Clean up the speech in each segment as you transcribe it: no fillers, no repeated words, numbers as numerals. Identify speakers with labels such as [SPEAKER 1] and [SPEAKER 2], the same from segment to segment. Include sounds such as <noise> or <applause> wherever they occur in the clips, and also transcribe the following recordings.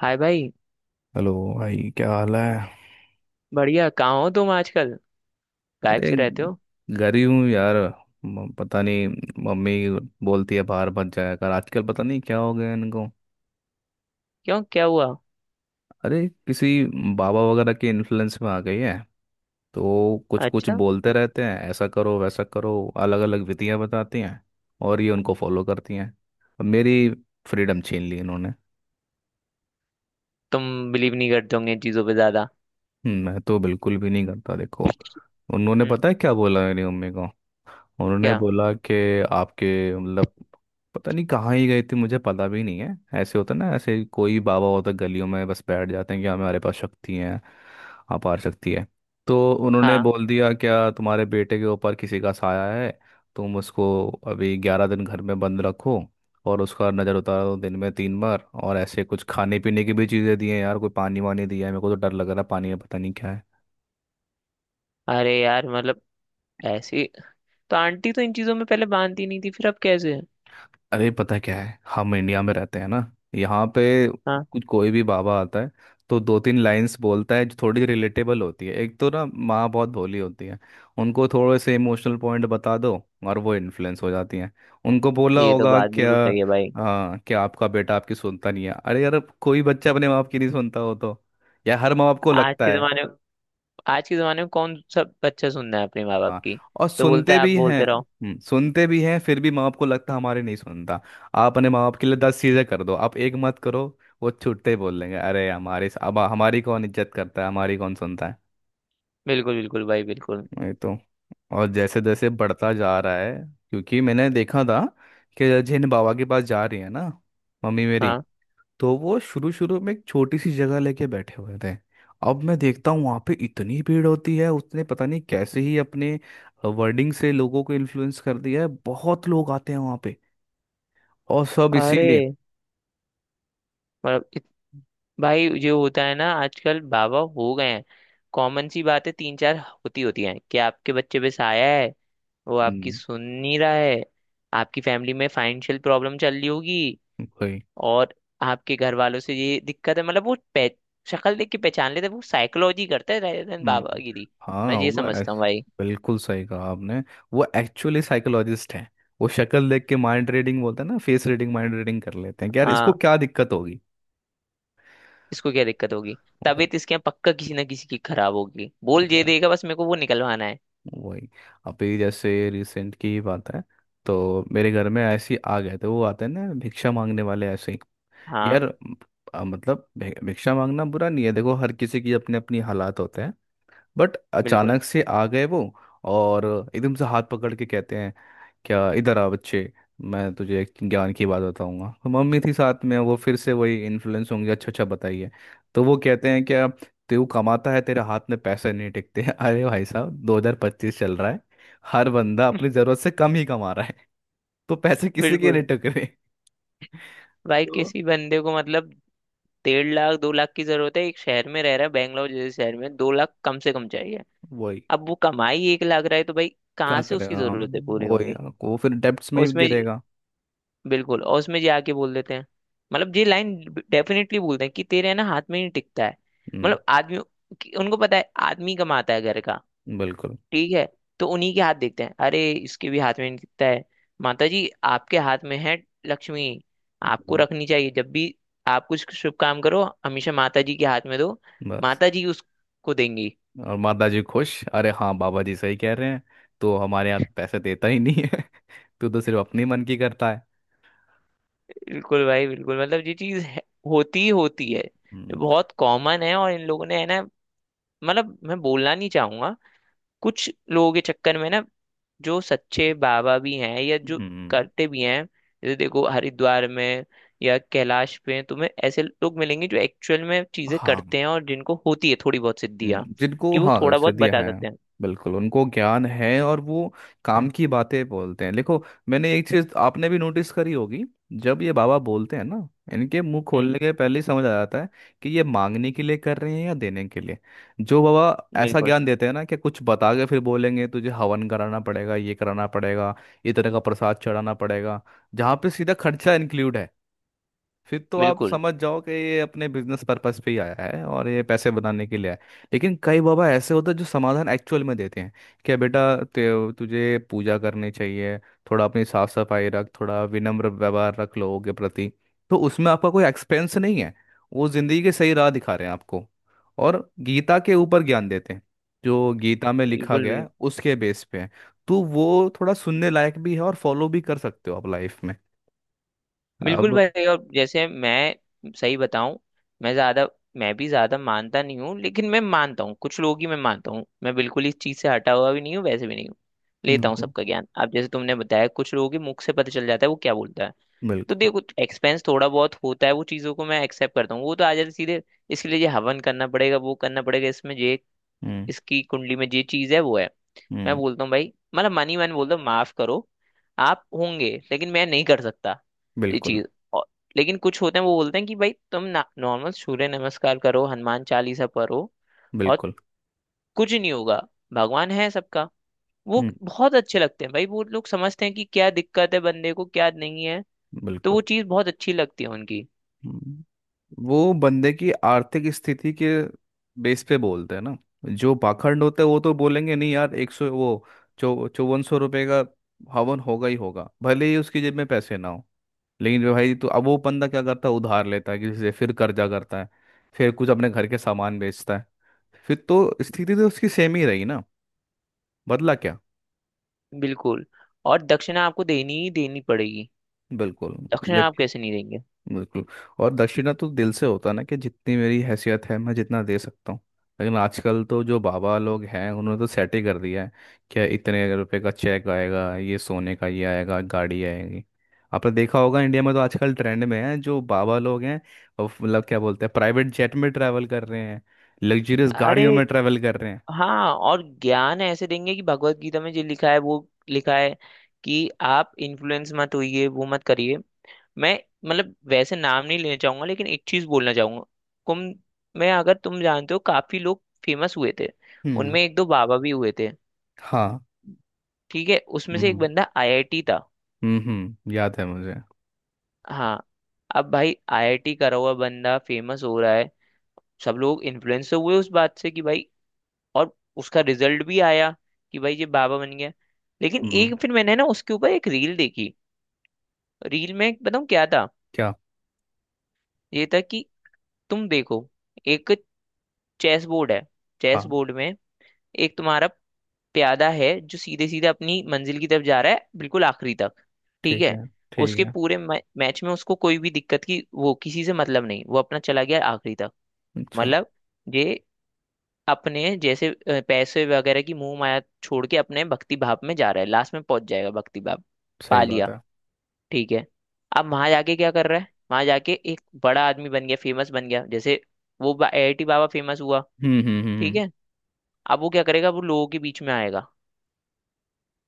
[SPEAKER 1] हाय भाई।
[SPEAKER 2] हेलो। भाई, क्या हाल है?
[SPEAKER 1] बढ़िया, कहाँ हो तुम आजकल? गायब
[SPEAKER 2] अरे,
[SPEAKER 1] से रहते हो।
[SPEAKER 2] घर ही हूँ यार। पता नहीं, मम्मी बोलती है बाहर मत जाया कर आजकल। पता नहीं क्या हो गया इनको।
[SPEAKER 1] क्यों, क्या हुआ?
[SPEAKER 2] अरे किसी बाबा वगैरह के इन्फ्लुएंस में आ गई है, तो कुछ कुछ
[SPEAKER 1] अच्छा,
[SPEAKER 2] बोलते रहते हैं ऐसा करो वैसा करो। अलग अलग विधियां बताती हैं और ये उनको फॉलो करती हैं। अब मेरी फ्रीडम छीन ली इन्होंने।
[SPEAKER 1] तुम बिलीव नहीं करते होंगे इन चीज़ों पे ज़्यादा।
[SPEAKER 2] मैं तो बिल्कुल भी नहीं करता देखो। उन्होंने
[SPEAKER 1] हम्म,
[SPEAKER 2] पता है क्या बोला मेरी मम्मी को? उन्होंने
[SPEAKER 1] क्या?
[SPEAKER 2] बोला कि आपके, मतलब पता नहीं कहाँ ही गए थे मुझे पता भी नहीं है, ऐसे होता ना, ऐसे कोई बाबा होता गलियों में बस बैठ जाते हैं कि हमारे पास शक्ति है, अपार शक्ति है। तो उन्होंने
[SPEAKER 1] हाँ।
[SPEAKER 2] बोल दिया क्या तुम्हारे बेटे के ऊपर किसी का साया है, तुम उसको अभी 11 दिन घर में बंद रखो और उसका नज़र उतारो दिन में 3 बार। और ऐसे कुछ खाने पीने की भी चीज़ें दी हैं यार, कोई पानी वानी दिया है मेरे को, तो डर लग रहा है पानी में पता नहीं क्या।
[SPEAKER 1] अरे यार, मतलब ऐसी, तो आंटी तो इन चीज़ों में पहले मानती नहीं थी, फिर अब कैसे?
[SPEAKER 2] अरे पता क्या है, हम इंडिया में रहते हैं ना, यहाँ पे
[SPEAKER 1] हाँ,
[SPEAKER 2] कुछ कोई भी बाबा आता है तो दो तीन लाइंस बोलता है जो थोड़ी रिलेटेबल होती है। एक तो ना माँ बहुत भोली होती है, उनको थोड़े से इमोशनल पॉइंट बता दो और वो इन्फ्लुएंस हो जाती हैं। उनको बोला
[SPEAKER 1] ये तो
[SPEAKER 2] होगा
[SPEAKER 1] बात
[SPEAKER 2] क्या,
[SPEAKER 1] बिल्कुल सही है भाई।
[SPEAKER 2] क्या आपका बेटा आपकी सुनता नहीं है? अरे यार, कोई बच्चा अपने माँ बाप की नहीं सुनता हो तो, या हर माँ बाप को
[SPEAKER 1] आज
[SPEAKER 2] लगता
[SPEAKER 1] के
[SPEAKER 2] है।
[SPEAKER 1] ज़माने आज के ज़माने में कौन सब बच्चा सुनना है अपने माँ बाप
[SPEAKER 2] हाँ,
[SPEAKER 1] की?
[SPEAKER 2] और
[SPEAKER 1] तो बोलता
[SPEAKER 2] सुनते
[SPEAKER 1] है आप
[SPEAKER 2] भी हैं।
[SPEAKER 1] बोलते रहो।
[SPEAKER 2] सुनते भी हैं फिर भी माँ बाप को लगता है हमारे नहीं सुनता। आप अपने माँ बाप के लिए 10 चीजें कर दो, आप एक मत करो, वो छूटते ही बोल देंगे, अरे हमारे, अब हमारी कौन इज्जत करता है, हमारी कौन सुनता है।
[SPEAKER 1] बिल्कुल बिल्कुल भाई, बिल्कुल।
[SPEAKER 2] वही तो। और जैसे जैसे बढ़ता जा रहा है, क्योंकि मैंने देखा था कि जिन बाबा के पास जा रही है ना मम्मी मेरी,
[SPEAKER 1] हाँ।
[SPEAKER 2] तो वो शुरू शुरू में एक छोटी सी जगह लेके बैठे हुए थे। अब मैं देखता हूँ वहाँ पे इतनी भीड़ होती है। उसने पता नहीं कैसे ही अपने वर्डिंग से लोगों को इन्फ्लुएंस कर दिया है, बहुत लोग आते हैं वहाँ पे, और सब
[SPEAKER 1] अरे
[SPEAKER 2] इसीलिए।
[SPEAKER 1] मतलब, भाई जो होता है ना आजकल, बाबा हो गए हैं। कॉमन सी बातें तीन चार होती होती हैं कि आपके बच्चे पे साया है, वो आपकी
[SPEAKER 2] हम्म।
[SPEAKER 1] सुन नहीं रहा है, आपकी फैमिली में फाइनेंशियल प्रॉब्लम चल रही होगी
[SPEAKER 2] वही।
[SPEAKER 1] और आपके घर वालों से ये दिक्कत है। मतलब शक्ल देख के पहचान लेते हैं, वो साइकोलॉजी करता है rather than
[SPEAKER 2] हम्म।
[SPEAKER 1] बाबागिरी। मैं
[SPEAKER 2] हाँ।
[SPEAKER 1] ये समझता हूँ भाई।
[SPEAKER 2] बिल्कुल सही कहा आपने। वो एक्चुअली साइकोलॉजिस्ट हैं। वो शक्ल देख के माइंड रीडिंग बोलते हैं ना, फेस रीडिंग माइंड रीडिंग कर लेते हैं कि यार इसको
[SPEAKER 1] हाँ,
[SPEAKER 2] क्या दिक्कत होगी।
[SPEAKER 1] इसको क्या दिक्कत होगी, तबीयत इसके यहाँ पक्का किसी ना किसी की खराब होगी, बोल ये
[SPEAKER 2] वो-
[SPEAKER 1] देगा, बस मेरे को वो निकलवाना है।
[SPEAKER 2] वही। अभी जैसे रिसेंट की ही बात है, तो मेरे घर में ऐसे ही आ गए थे, वो आते हैं ना भिक्षा मांगने वाले ऐसे ही।
[SPEAKER 1] हाँ
[SPEAKER 2] यार म- मतलब भिक्षा मांगना बुरा नहीं है देखो, हर किसी की अपनी अपनी हालात होते हैं। बट
[SPEAKER 1] बिल्कुल
[SPEAKER 2] अचानक से आ गए वो, और एकदम से हाथ पकड़ के कहते हैं, क्या इधर आ बच्चे, मैं तुझे एक ज्ञान की बात बताऊंगा। तो मम्मी थी साथ में, वो फिर से वही इन्फ्लुएंस होंगे, अच्छा अच्छा बताइए। तो वो कहते हैं क्या, तू कमाता है तेरे हाथ में पैसे नहीं टिकते। <laughs> अरे भाई साहब 2025 चल रहा है, हर बंदा अपनी जरूरत से कम ही कमा रहा है। <laughs> तो पैसे किसी के
[SPEAKER 1] बिल्कुल।
[SPEAKER 2] नहीं टकरे। <laughs>
[SPEAKER 1] भाई
[SPEAKER 2] तो
[SPEAKER 1] किसी बंदे को मतलब 1.5 लाख 2 लाख की जरूरत है, एक शहर में रह रहा है बैंगलोर जैसे शहर में, 2 लाख कम से कम चाहिए।
[SPEAKER 2] वही,
[SPEAKER 1] अब वो कमाई 1 लाख रहा है तो भाई
[SPEAKER 2] क्या
[SPEAKER 1] कहाँ से उसकी
[SPEAKER 2] करेगा,
[SPEAKER 1] जरूरतें पूरी
[SPEAKER 2] वही,
[SPEAKER 1] होंगी?
[SPEAKER 2] वो फिर डेब्ट्स में ही
[SPEAKER 1] उसमें
[SPEAKER 2] गिरेगा।
[SPEAKER 1] बिल्कुल। और उसमें ये आके बोल देते हैं, मतलब ये लाइन डेफिनेटली बोलते हैं कि तेरे, है ना, हाथ में नहीं टिकता है।
[SPEAKER 2] हम्म।
[SPEAKER 1] मतलब आदमी, उनको पता है आदमी कमाता है घर का।
[SPEAKER 2] बिल्कुल।
[SPEAKER 1] ठीक है, तो उन्हीं के हाथ देखते हैं, अरे इसके भी हाथ में नहीं दिखता है, माता जी आपके हाथ में है लक्ष्मी, आपको
[SPEAKER 2] हम्म।
[SPEAKER 1] रखनी चाहिए। जब भी आप कुछ शुभ काम करो हमेशा माता जी के हाथ में दो,
[SPEAKER 2] बस।
[SPEAKER 1] माता जी उसको देंगी।
[SPEAKER 2] और माता जी खुश, अरे हाँ बाबा जी सही कह रहे हैं, तो हमारे यहाँ पैसे देता ही नहीं है, तू तो सिर्फ अपने मन की करता है।
[SPEAKER 1] बिल्कुल भाई बिल्कुल। मतलब ये चीज है, होती ही होती है, ये
[SPEAKER 2] हम्म।
[SPEAKER 1] बहुत कॉमन है। और इन लोगों ने, है ना, मतलब मैं बोलना नहीं चाहूंगा, कुछ लोगों के चक्कर में ना जो सच्चे बाबा भी हैं या जो
[SPEAKER 2] हम्म,
[SPEAKER 1] करते भी हैं। जैसे देखो हरिद्वार में या कैलाश पे तुम्हें ऐसे लोग मिलेंगे जो एक्चुअल में चीजें
[SPEAKER 2] हाँ।
[SPEAKER 1] करते हैं और जिनको होती है थोड़ी बहुत सिद्धियाँ,
[SPEAKER 2] जिनको
[SPEAKER 1] कि वो
[SPEAKER 2] हाँ
[SPEAKER 1] थोड़ा बहुत
[SPEAKER 2] सिद्धियाँ
[SPEAKER 1] बता
[SPEAKER 2] हैं।
[SPEAKER 1] सकते हैं।
[SPEAKER 2] बिल्कुल, उनको ज्ञान है और वो काम की बातें बोलते हैं। देखो, मैंने एक चीज आपने भी नोटिस करी होगी, जब ये बाबा बोलते हैं ना, इनके मुंह
[SPEAKER 1] हम्म।
[SPEAKER 2] खोलने के पहले ही समझ आ जाता है कि ये मांगने के लिए कर रहे हैं या देने के लिए। जो बाबा ऐसा
[SPEAKER 1] बिल्कुल
[SPEAKER 2] ज्ञान देते हैं ना कि कुछ बता के फिर बोलेंगे तुझे हवन कराना पड़ेगा, ये कराना पड़ेगा, ये तरह का प्रसाद चढ़ाना पड़ेगा, जहाँ पे सीधा खर्चा इंक्लूड है, फिर तो आप
[SPEAKER 1] बिल्कुल
[SPEAKER 2] समझ जाओ कि ये अपने बिजनेस पर्पस पे ही आया है और ये पैसे बनाने के लिए आया है। लेकिन कई बाबा ऐसे होते हैं जो समाधान एक्चुअल में देते हैं, क्या बेटा तुझे पूजा करनी चाहिए, थोड़ा अपनी साफ सफाई रख, थोड़ा विनम्र व्यवहार रख लोगों के प्रति। तो उसमें आपका कोई एक्सपेंस नहीं है, वो जिंदगी के सही राह दिखा रहे हैं आपको, और गीता के ऊपर ज्ञान देते हैं, जो गीता में लिखा
[SPEAKER 1] बिल्कुल
[SPEAKER 2] गया है
[SPEAKER 1] बिल्कुल।
[SPEAKER 2] उसके बेस पे है। तो वो थोड़ा सुनने लायक भी है और फॉलो भी कर सकते हो आप लाइफ में।
[SPEAKER 1] बिल्कुल
[SPEAKER 2] अब
[SPEAKER 1] भाई। और जैसे मैं सही बताऊं, मैं ज्यादा मैं भी ज्यादा मानता नहीं हूँ, लेकिन मैं मानता हूँ कुछ लोग ही, मैं मानता हूँ, मैं बिल्कुल इस चीज से हटा हुआ भी नहीं हूँ, वैसे भी नहीं हूँ। लेता हूँ
[SPEAKER 2] बिल्कुल
[SPEAKER 1] सबका ज्ञान। अब जैसे तुमने बताया, कुछ लोगों के मुख से पता चल जाता है वो क्या बोलता है। तो
[SPEAKER 2] बिल्कुल।
[SPEAKER 1] देखो, एक्सपेंस थोड़ा बहुत होता है, वो चीज़ों को मैं एक्सेप्ट करता हूँ। वो तो आ जाते सीधे, इसके लिए ये हवन करना पड़ेगा, वो करना पड़ेगा, इसमें ये,
[SPEAKER 2] हम्म।
[SPEAKER 1] इसकी कुंडली में ये चीज़ है वो है। मैं
[SPEAKER 2] हम्म।
[SPEAKER 1] बोलता हूँ भाई, मतलब मनी मन बोलता हूँ, माफ करो, आप होंगे लेकिन मैं नहीं कर सकता ये
[SPEAKER 2] बिल्कुल
[SPEAKER 1] चीज़। और लेकिन कुछ होते हैं, वो बोलते हैं कि भाई तुम ना नॉर्मल सूर्य नमस्कार करो, हनुमान चालीसा पढ़ो, और
[SPEAKER 2] बिल्कुल।
[SPEAKER 1] कुछ नहीं होगा, भगवान है सबका। वो
[SPEAKER 2] हम्म।
[SPEAKER 1] बहुत अच्छे लगते हैं भाई, वो लोग समझते हैं कि क्या दिक्कत है बंदे को, क्या नहीं है। तो
[SPEAKER 2] बिल्कुल।
[SPEAKER 1] वो चीज़ बहुत अच्छी लगती है उनकी।
[SPEAKER 2] हम्म। वो बंदे की आर्थिक स्थिति के बेस पे बोलते हैं ना। जो पाखंड होते हैं वो तो बोलेंगे नहीं यार, एक सौ वो चौ 5400 रुपये का हवन होगा ही होगा, भले ही उसकी जेब में पैसे ना हो। लेकिन जो भाई, तो अब वो बंदा क्या करता है, उधार लेता है किसी से, फिर कर्जा करता है, फिर कुछ अपने घर के सामान बेचता है, फिर तो स्थिति तो उसकी सेम ही रही ना, बदला क्या?
[SPEAKER 1] बिल्कुल। और दक्षिणा आपको देनी ही देनी पड़ेगी,
[SPEAKER 2] बिल्कुल।
[SPEAKER 1] दक्षिणा
[SPEAKER 2] जब,
[SPEAKER 1] आप कैसे नहीं देंगे?
[SPEAKER 2] बिल्कुल। और दक्षिणा तो दिल से होता है ना, कि जितनी मेरी हैसियत है मैं जितना दे सकता हूँ। लेकिन आजकल तो जो बाबा लोग हैं उन्होंने तो सेट ही कर दिया है, क्या इतने रुपए का चेक आएगा, ये सोने का ये आएगा, गाड़ी आएगी। आपने देखा होगा इंडिया में तो आजकल ट्रेंड में है जो बाबा लोग हैं, वो मतलब क्या बोलते हैं, प्राइवेट जेट में ट्रैवल कर रहे हैं, लग्जरियस
[SPEAKER 1] अरे
[SPEAKER 2] गाड़ियों में ट्रैवल कर रहे हैं।
[SPEAKER 1] हाँ। और ज्ञान ऐसे देंगे कि भगवत गीता में जो लिखा है वो लिखा है कि आप इन्फ्लुएंस मत होइए, वो मत करिए। मैं, मतलब वैसे नाम नहीं लेना चाहूंगा, लेकिन एक चीज बोलना चाहूंगा। कुंभ में, अगर तुम जानते हो, काफी लोग फेमस हुए थे।
[SPEAKER 2] हम्म।
[SPEAKER 1] उनमें एक दो बाबा भी हुए थे।
[SPEAKER 2] हाँ।
[SPEAKER 1] ठीक है, उसमें से एक
[SPEAKER 2] हम्म।
[SPEAKER 1] बंदा आईआईटी था।
[SPEAKER 2] हम्म। याद है मुझे।
[SPEAKER 1] हाँ। अब भाई आईआईटी करा हुआ बंदा फेमस हो रहा है, सब लोग इन्फ्लुएंस हुए उस बात से कि भाई। और उसका रिजल्ट भी आया कि भाई ये बाबा बन गया। लेकिन
[SPEAKER 2] हम्म।
[SPEAKER 1] एक फिर मैंने ना उसके ऊपर एक रील देखी। रील में बताऊँ क्या था?
[SPEAKER 2] क्या?
[SPEAKER 1] ये था कि तुम देखो, एक चेस बोर्ड है, चेस
[SPEAKER 2] हाँ।
[SPEAKER 1] बोर्ड में एक तुम्हारा प्यादा है जो सीधे सीधे अपनी मंजिल की तरफ जा रहा है, बिल्कुल आखिरी तक। ठीक
[SPEAKER 2] ठीक
[SPEAKER 1] है?
[SPEAKER 2] है। ठीक
[SPEAKER 1] उसके
[SPEAKER 2] है।
[SPEAKER 1] पूरे मैच में, उसको कोई भी दिक्कत की, वो किसी से मतलब नहीं, वो अपना चला गया आखिरी तक।
[SPEAKER 2] अच्छा।
[SPEAKER 1] मतलब ये अपने जैसे पैसे वगैरह की मोह माया छोड़ के अपने भक्ति भाव में जा रहा है, लास्ट में पहुंच जाएगा, भक्ति भाव पा
[SPEAKER 2] सही बात
[SPEAKER 1] लिया।
[SPEAKER 2] है।
[SPEAKER 1] ठीक है। अब वहां जाके क्या कर रहा है, वहां जाके एक बड़ा आदमी बन गया, फेमस बन गया, जैसे वो एआईटी बाबा फेमस हुआ।
[SPEAKER 2] हम्म। हम्म।
[SPEAKER 1] ठीक
[SPEAKER 2] हम्म।
[SPEAKER 1] है। अब वो क्या करेगा, वो लोगों के बीच में आएगा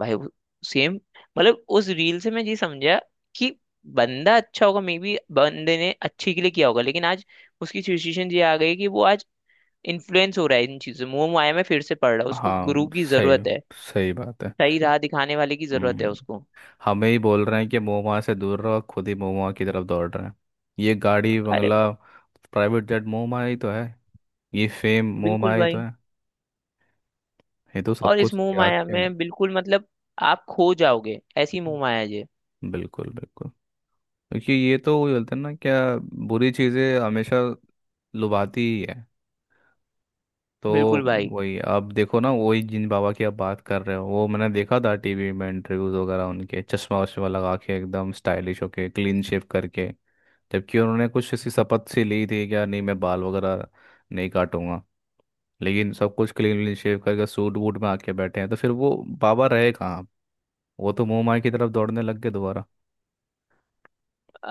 [SPEAKER 1] भाई, वो सेम, मतलब उस रील से मैं ये समझा कि बंदा अच्छा होगा, मे बी बंदे ने अच्छे के लिए किया होगा, लेकिन आज उसकी सिचुएशन ये आ गई कि वो आज इन्फ्लुएंस हो रहा है, इन चीजों मोह माया में फिर से पड़ रहा है।
[SPEAKER 2] हम्म।
[SPEAKER 1] उसको गुरु
[SPEAKER 2] हाँ।
[SPEAKER 1] की
[SPEAKER 2] सही।
[SPEAKER 1] जरूरत है,
[SPEAKER 2] सही बात है।
[SPEAKER 1] सही राह दिखाने वाले की जरूरत है
[SPEAKER 2] हम्म।
[SPEAKER 1] उसको।
[SPEAKER 2] हमें ही बोल रहे हैं कि महुआ से दूर रहो, खुद ही महुआ की तरफ दौड़ रहे हैं। ये गाड़ी,
[SPEAKER 1] अरे
[SPEAKER 2] बंगला, प्राइवेट जेट महुआ ही तो है, ये फेम महुआ
[SPEAKER 1] बिल्कुल
[SPEAKER 2] ही तो
[SPEAKER 1] भाई।
[SPEAKER 2] है, ये तो सब
[SPEAKER 1] और इस
[SPEAKER 2] कुछ
[SPEAKER 1] मोह
[SPEAKER 2] त्याग
[SPEAKER 1] माया
[SPEAKER 2] के है।
[SPEAKER 1] में बिल्कुल मतलब आप खो जाओगे, ऐसी मोह माया है ये।
[SPEAKER 2] बिल्कुल बिल्कुल। क्योंकि ये तो वो बोलते हैं ना क्या, बुरी चीज़ें हमेशा लुभाती ही है। तो
[SPEAKER 1] बिल्कुल भाई।
[SPEAKER 2] वही, अब देखो ना, वही जिन बाबा की आप बात कर रहे हो, वो मैंने देखा था टीवी में इंटरव्यूज वगैरह, उनके चश्मा वश्मा लगा के एकदम स्टाइलिश होके क्लीन शेव करके, जबकि उन्होंने कुछ ऐसी शपथ सी ली थी क्या, नहीं मैं बाल वगैरह नहीं काटूंगा, लेकिन सब कुछ क्लीन शेव करके सूट वूट में आके बैठे हैं, तो फिर वो बाबा रहे कहाँ? वो तो मुंह माय की तरफ दौड़ने लग गए दोबारा।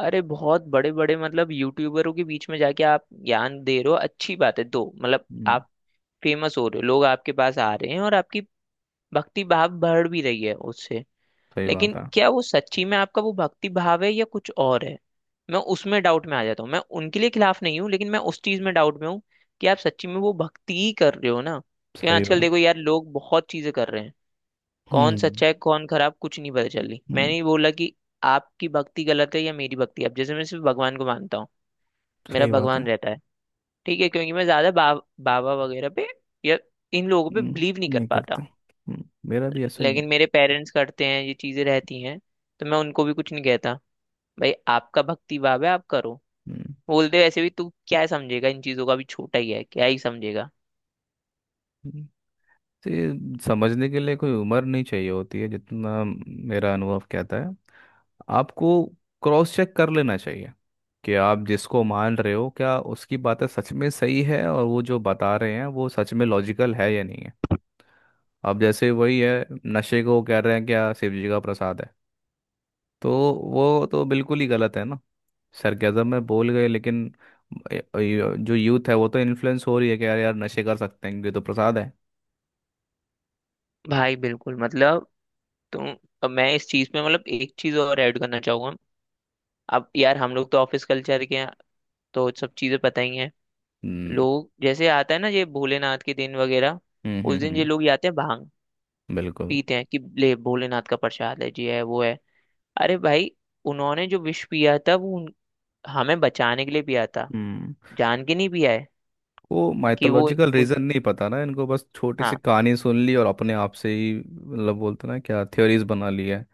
[SPEAKER 1] अरे बहुत बड़े बड़े मतलब यूट्यूबरों के बीच में जाके आप ज्ञान दे रहे हो, अच्छी बात है दो, मतलब
[SPEAKER 2] हम्म,
[SPEAKER 1] आप फेमस हो रहे हो, लोग आपके पास आ रहे हैं और आपकी भक्ति भाव बढ़ भी रही है उससे।
[SPEAKER 2] सही बात
[SPEAKER 1] लेकिन
[SPEAKER 2] है।
[SPEAKER 1] क्या वो सच्ची में आपका वो भक्ति भाव है या कुछ और है? मैं उसमें डाउट में आ जाता हूँ। मैं उनके लिए खिलाफ नहीं हूँ, लेकिन मैं उस चीज में डाउट में हूँ कि आप सच्ची में वो भक्ति ही कर रहे हो ना, क्योंकि
[SPEAKER 2] सही
[SPEAKER 1] आजकल देखो
[SPEAKER 2] बात।
[SPEAKER 1] यार लोग बहुत चीजें कर रहे हैं। कौन
[SPEAKER 2] हम्म।
[SPEAKER 1] सच्चा है कौन खराब, कुछ नहीं पता चल रही।
[SPEAKER 2] हम्म,
[SPEAKER 1] मैंने ये बोला कि आपकी भक्ति गलत है या मेरी भक्ति, अब जैसे मैं सिर्फ भगवान को मानता हूँ, मेरा
[SPEAKER 2] सही बात है।
[SPEAKER 1] भगवान रहता है। ठीक है? क्योंकि मैं ज्यादा बाबा वगैरह पे या इन लोगों पे
[SPEAKER 2] हम्म,
[SPEAKER 1] बिलीव नहीं कर
[SPEAKER 2] नहीं
[SPEAKER 1] पाता।
[SPEAKER 2] करते। मेरा भी ऐसा ही है।
[SPEAKER 1] लेकिन मेरे पेरेंट्स करते हैं, ये चीजें रहती हैं, तो मैं उनको भी कुछ नहीं कहता, भाई आपका भक्ति भाव है आप करो।
[SPEAKER 2] हम्म।
[SPEAKER 1] बोलते वैसे भी तू क्या ही समझेगा इन चीजों का, भी छोटा ही है क्या ही समझेगा।
[SPEAKER 2] हम्म। तो ये, समझने के लिए कोई उम्र नहीं चाहिए होती है, जितना मेरा अनुभव कहता है, आपको क्रॉस चेक कर लेना चाहिए कि आप जिसको मान रहे हो क्या उसकी बातें सच में सही है, और वो जो बता रहे हैं वो सच में लॉजिकल है या नहीं है। अब जैसे वही है, नशे को कह रहे हैं क्या, शिव जी का प्रसाद है, तो वो तो बिल्कुल ही गलत है ना। सरगजम में बोल गए, लेकिन जो यूथ है वो तो इन्फ्लुएंस हो रही है कि यार यार नशे कर सकते हैं ये तो प्रसाद है।
[SPEAKER 1] भाई बिल्कुल, मतलब, तुम, अब मैं इस चीज में, मतलब एक चीज और ऐड करना चाहूंगा। अब यार हम लोग तो ऑफिस कल्चर के हैं, तो सब चीजें पता ही हैं।
[SPEAKER 2] हम्म।
[SPEAKER 1] लोग, जैसे आता है ना ये भोलेनाथ के दिन वगैरह,
[SPEAKER 2] हम्म।
[SPEAKER 1] उस
[SPEAKER 2] हम्म।
[SPEAKER 1] दिन ये लोग ये आते हैं, भांग
[SPEAKER 2] बिल्कुल।
[SPEAKER 1] पीते हैं कि ले भोलेनाथ का प्रसाद है जी, है वो है। अरे भाई, उन्होंने जो विष पिया था वो हमें बचाने के लिए पिया था,
[SPEAKER 2] हम्म।
[SPEAKER 1] जान के नहीं पिया है।
[SPEAKER 2] वो
[SPEAKER 1] कि वो
[SPEAKER 2] माइथोलॉजिकल
[SPEAKER 1] उस-
[SPEAKER 2] रीजन नहीं पता ना इनको, बस छोटी सी
[SPEAKER 1] हाँ।
[SPEAKER 2] कहानी सुन ली और अपने आप से ही, मतलब बोलते ना क्या, थ्योरीज बना ली है,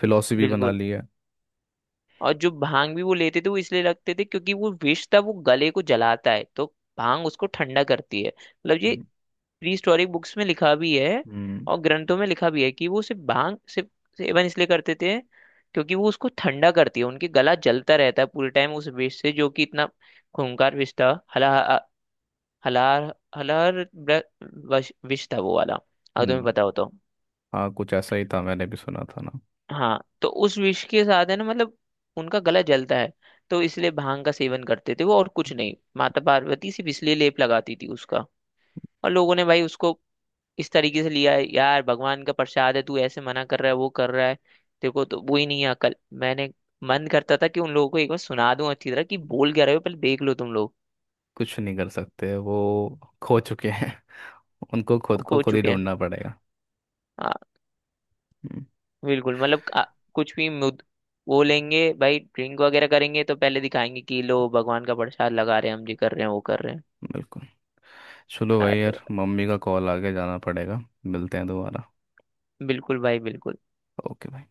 [SPEAKER 2] फिलोसफी बना
[SPEAKER 1] बिल्कुल।
[SPEAKER 2] ली है।
[SPEAKER 1] और जो भांग भी वो लेते थे वो इसलिए लगते थे क्योंकि वो विष था, वो गले को जलाता है, तो भांग उसको ठंडा करती है। मतलब ये
[SPEAKER 2] हम्म।
[SPEAKER 1] प्री हिस्टोरिक बुक्स में लिखा भी है
[SPEAKER 2] हम्म।
[SPEAKER 1] और ग्रंथों में लिखा भी है कि वो सिर्फ भांग सिर्फ सेवन इसलिए करते थे क्योंकि वो उसको ठंडा करती है, उनके गला जलता रहता है पूरे टाइम उस विष से, जो कि इतना खूंखार विष था। हला हलार हलार ब्र- वश- विष था वो वाला, अगर तुम्हें
[SPEAKER 2] हम्म,
[SPEAKER 1] पता हो तो।
[SPEAKER 2] हाँ कुछ ऐसा ही था, मैंने भी सुना था ना।
[SPEAKER 1] हाँ, तो उस विष के साथ है ना, मतलब उनका गला जलता है, तो इसलिए भांग का सेवन करते थे वो, और कुछ नहीं। माता पार्वती सिर्फ इसलिए लेप लगाती थी उसका। और लोगों ने भाई उसको इस तरीके से लिया है, यार भगवान का प्रसाद है तू ऐसे मना कर रहा है वो कर रहा है, तेरे को तो वो ही नहीं है अकल। मैंने मन करता था कि उन लोगों को एक बार सुना दूं अच्छी तरह कि
[SPEAKER 2] हम्म।
[SPEAKER 1] बोल क्या रहे हो, पहले देख लो तुम लोग।
[SPEAKER 2] कुछ नहीं कर सकते, वो खो चुके हैं, उनको खुद
[SPEAKER 1] वो
[SPEAKER 2] को
[SPEAKER 1] खो
[SPEAKER 2] खुद ही
[SPEAKER 1] चुके हैं।
[SPEAKER 2] ढूंढना पड़ेगा।
[SPEAKER 1] हाँ।
[SPEAKER 2] हम्म,
[SPEAKER 1] बिल्कुल, मतलब कुछ भी मुद बोलेंगे भाई, ड्रिंक वगैरह करेंगे तो पहले दिखाएंगे कि लो भगवान का प्रसाद लगा रहे हैं, हम ये कर रहे हैं वो कर रहे हैं।
[SPEAKER 2] बिल्कुल। चलो भाई
[SPEAKER 1] अरे
[SPEAKER 2] यार, मम्मी का कॉल आ गया, जाना पड़ेगा। मिलते हैं दोबारा।
[SPEAKER 1] बिल्कुल भाई बिल्कुल।
[SPEAKER 2] ओके भाई।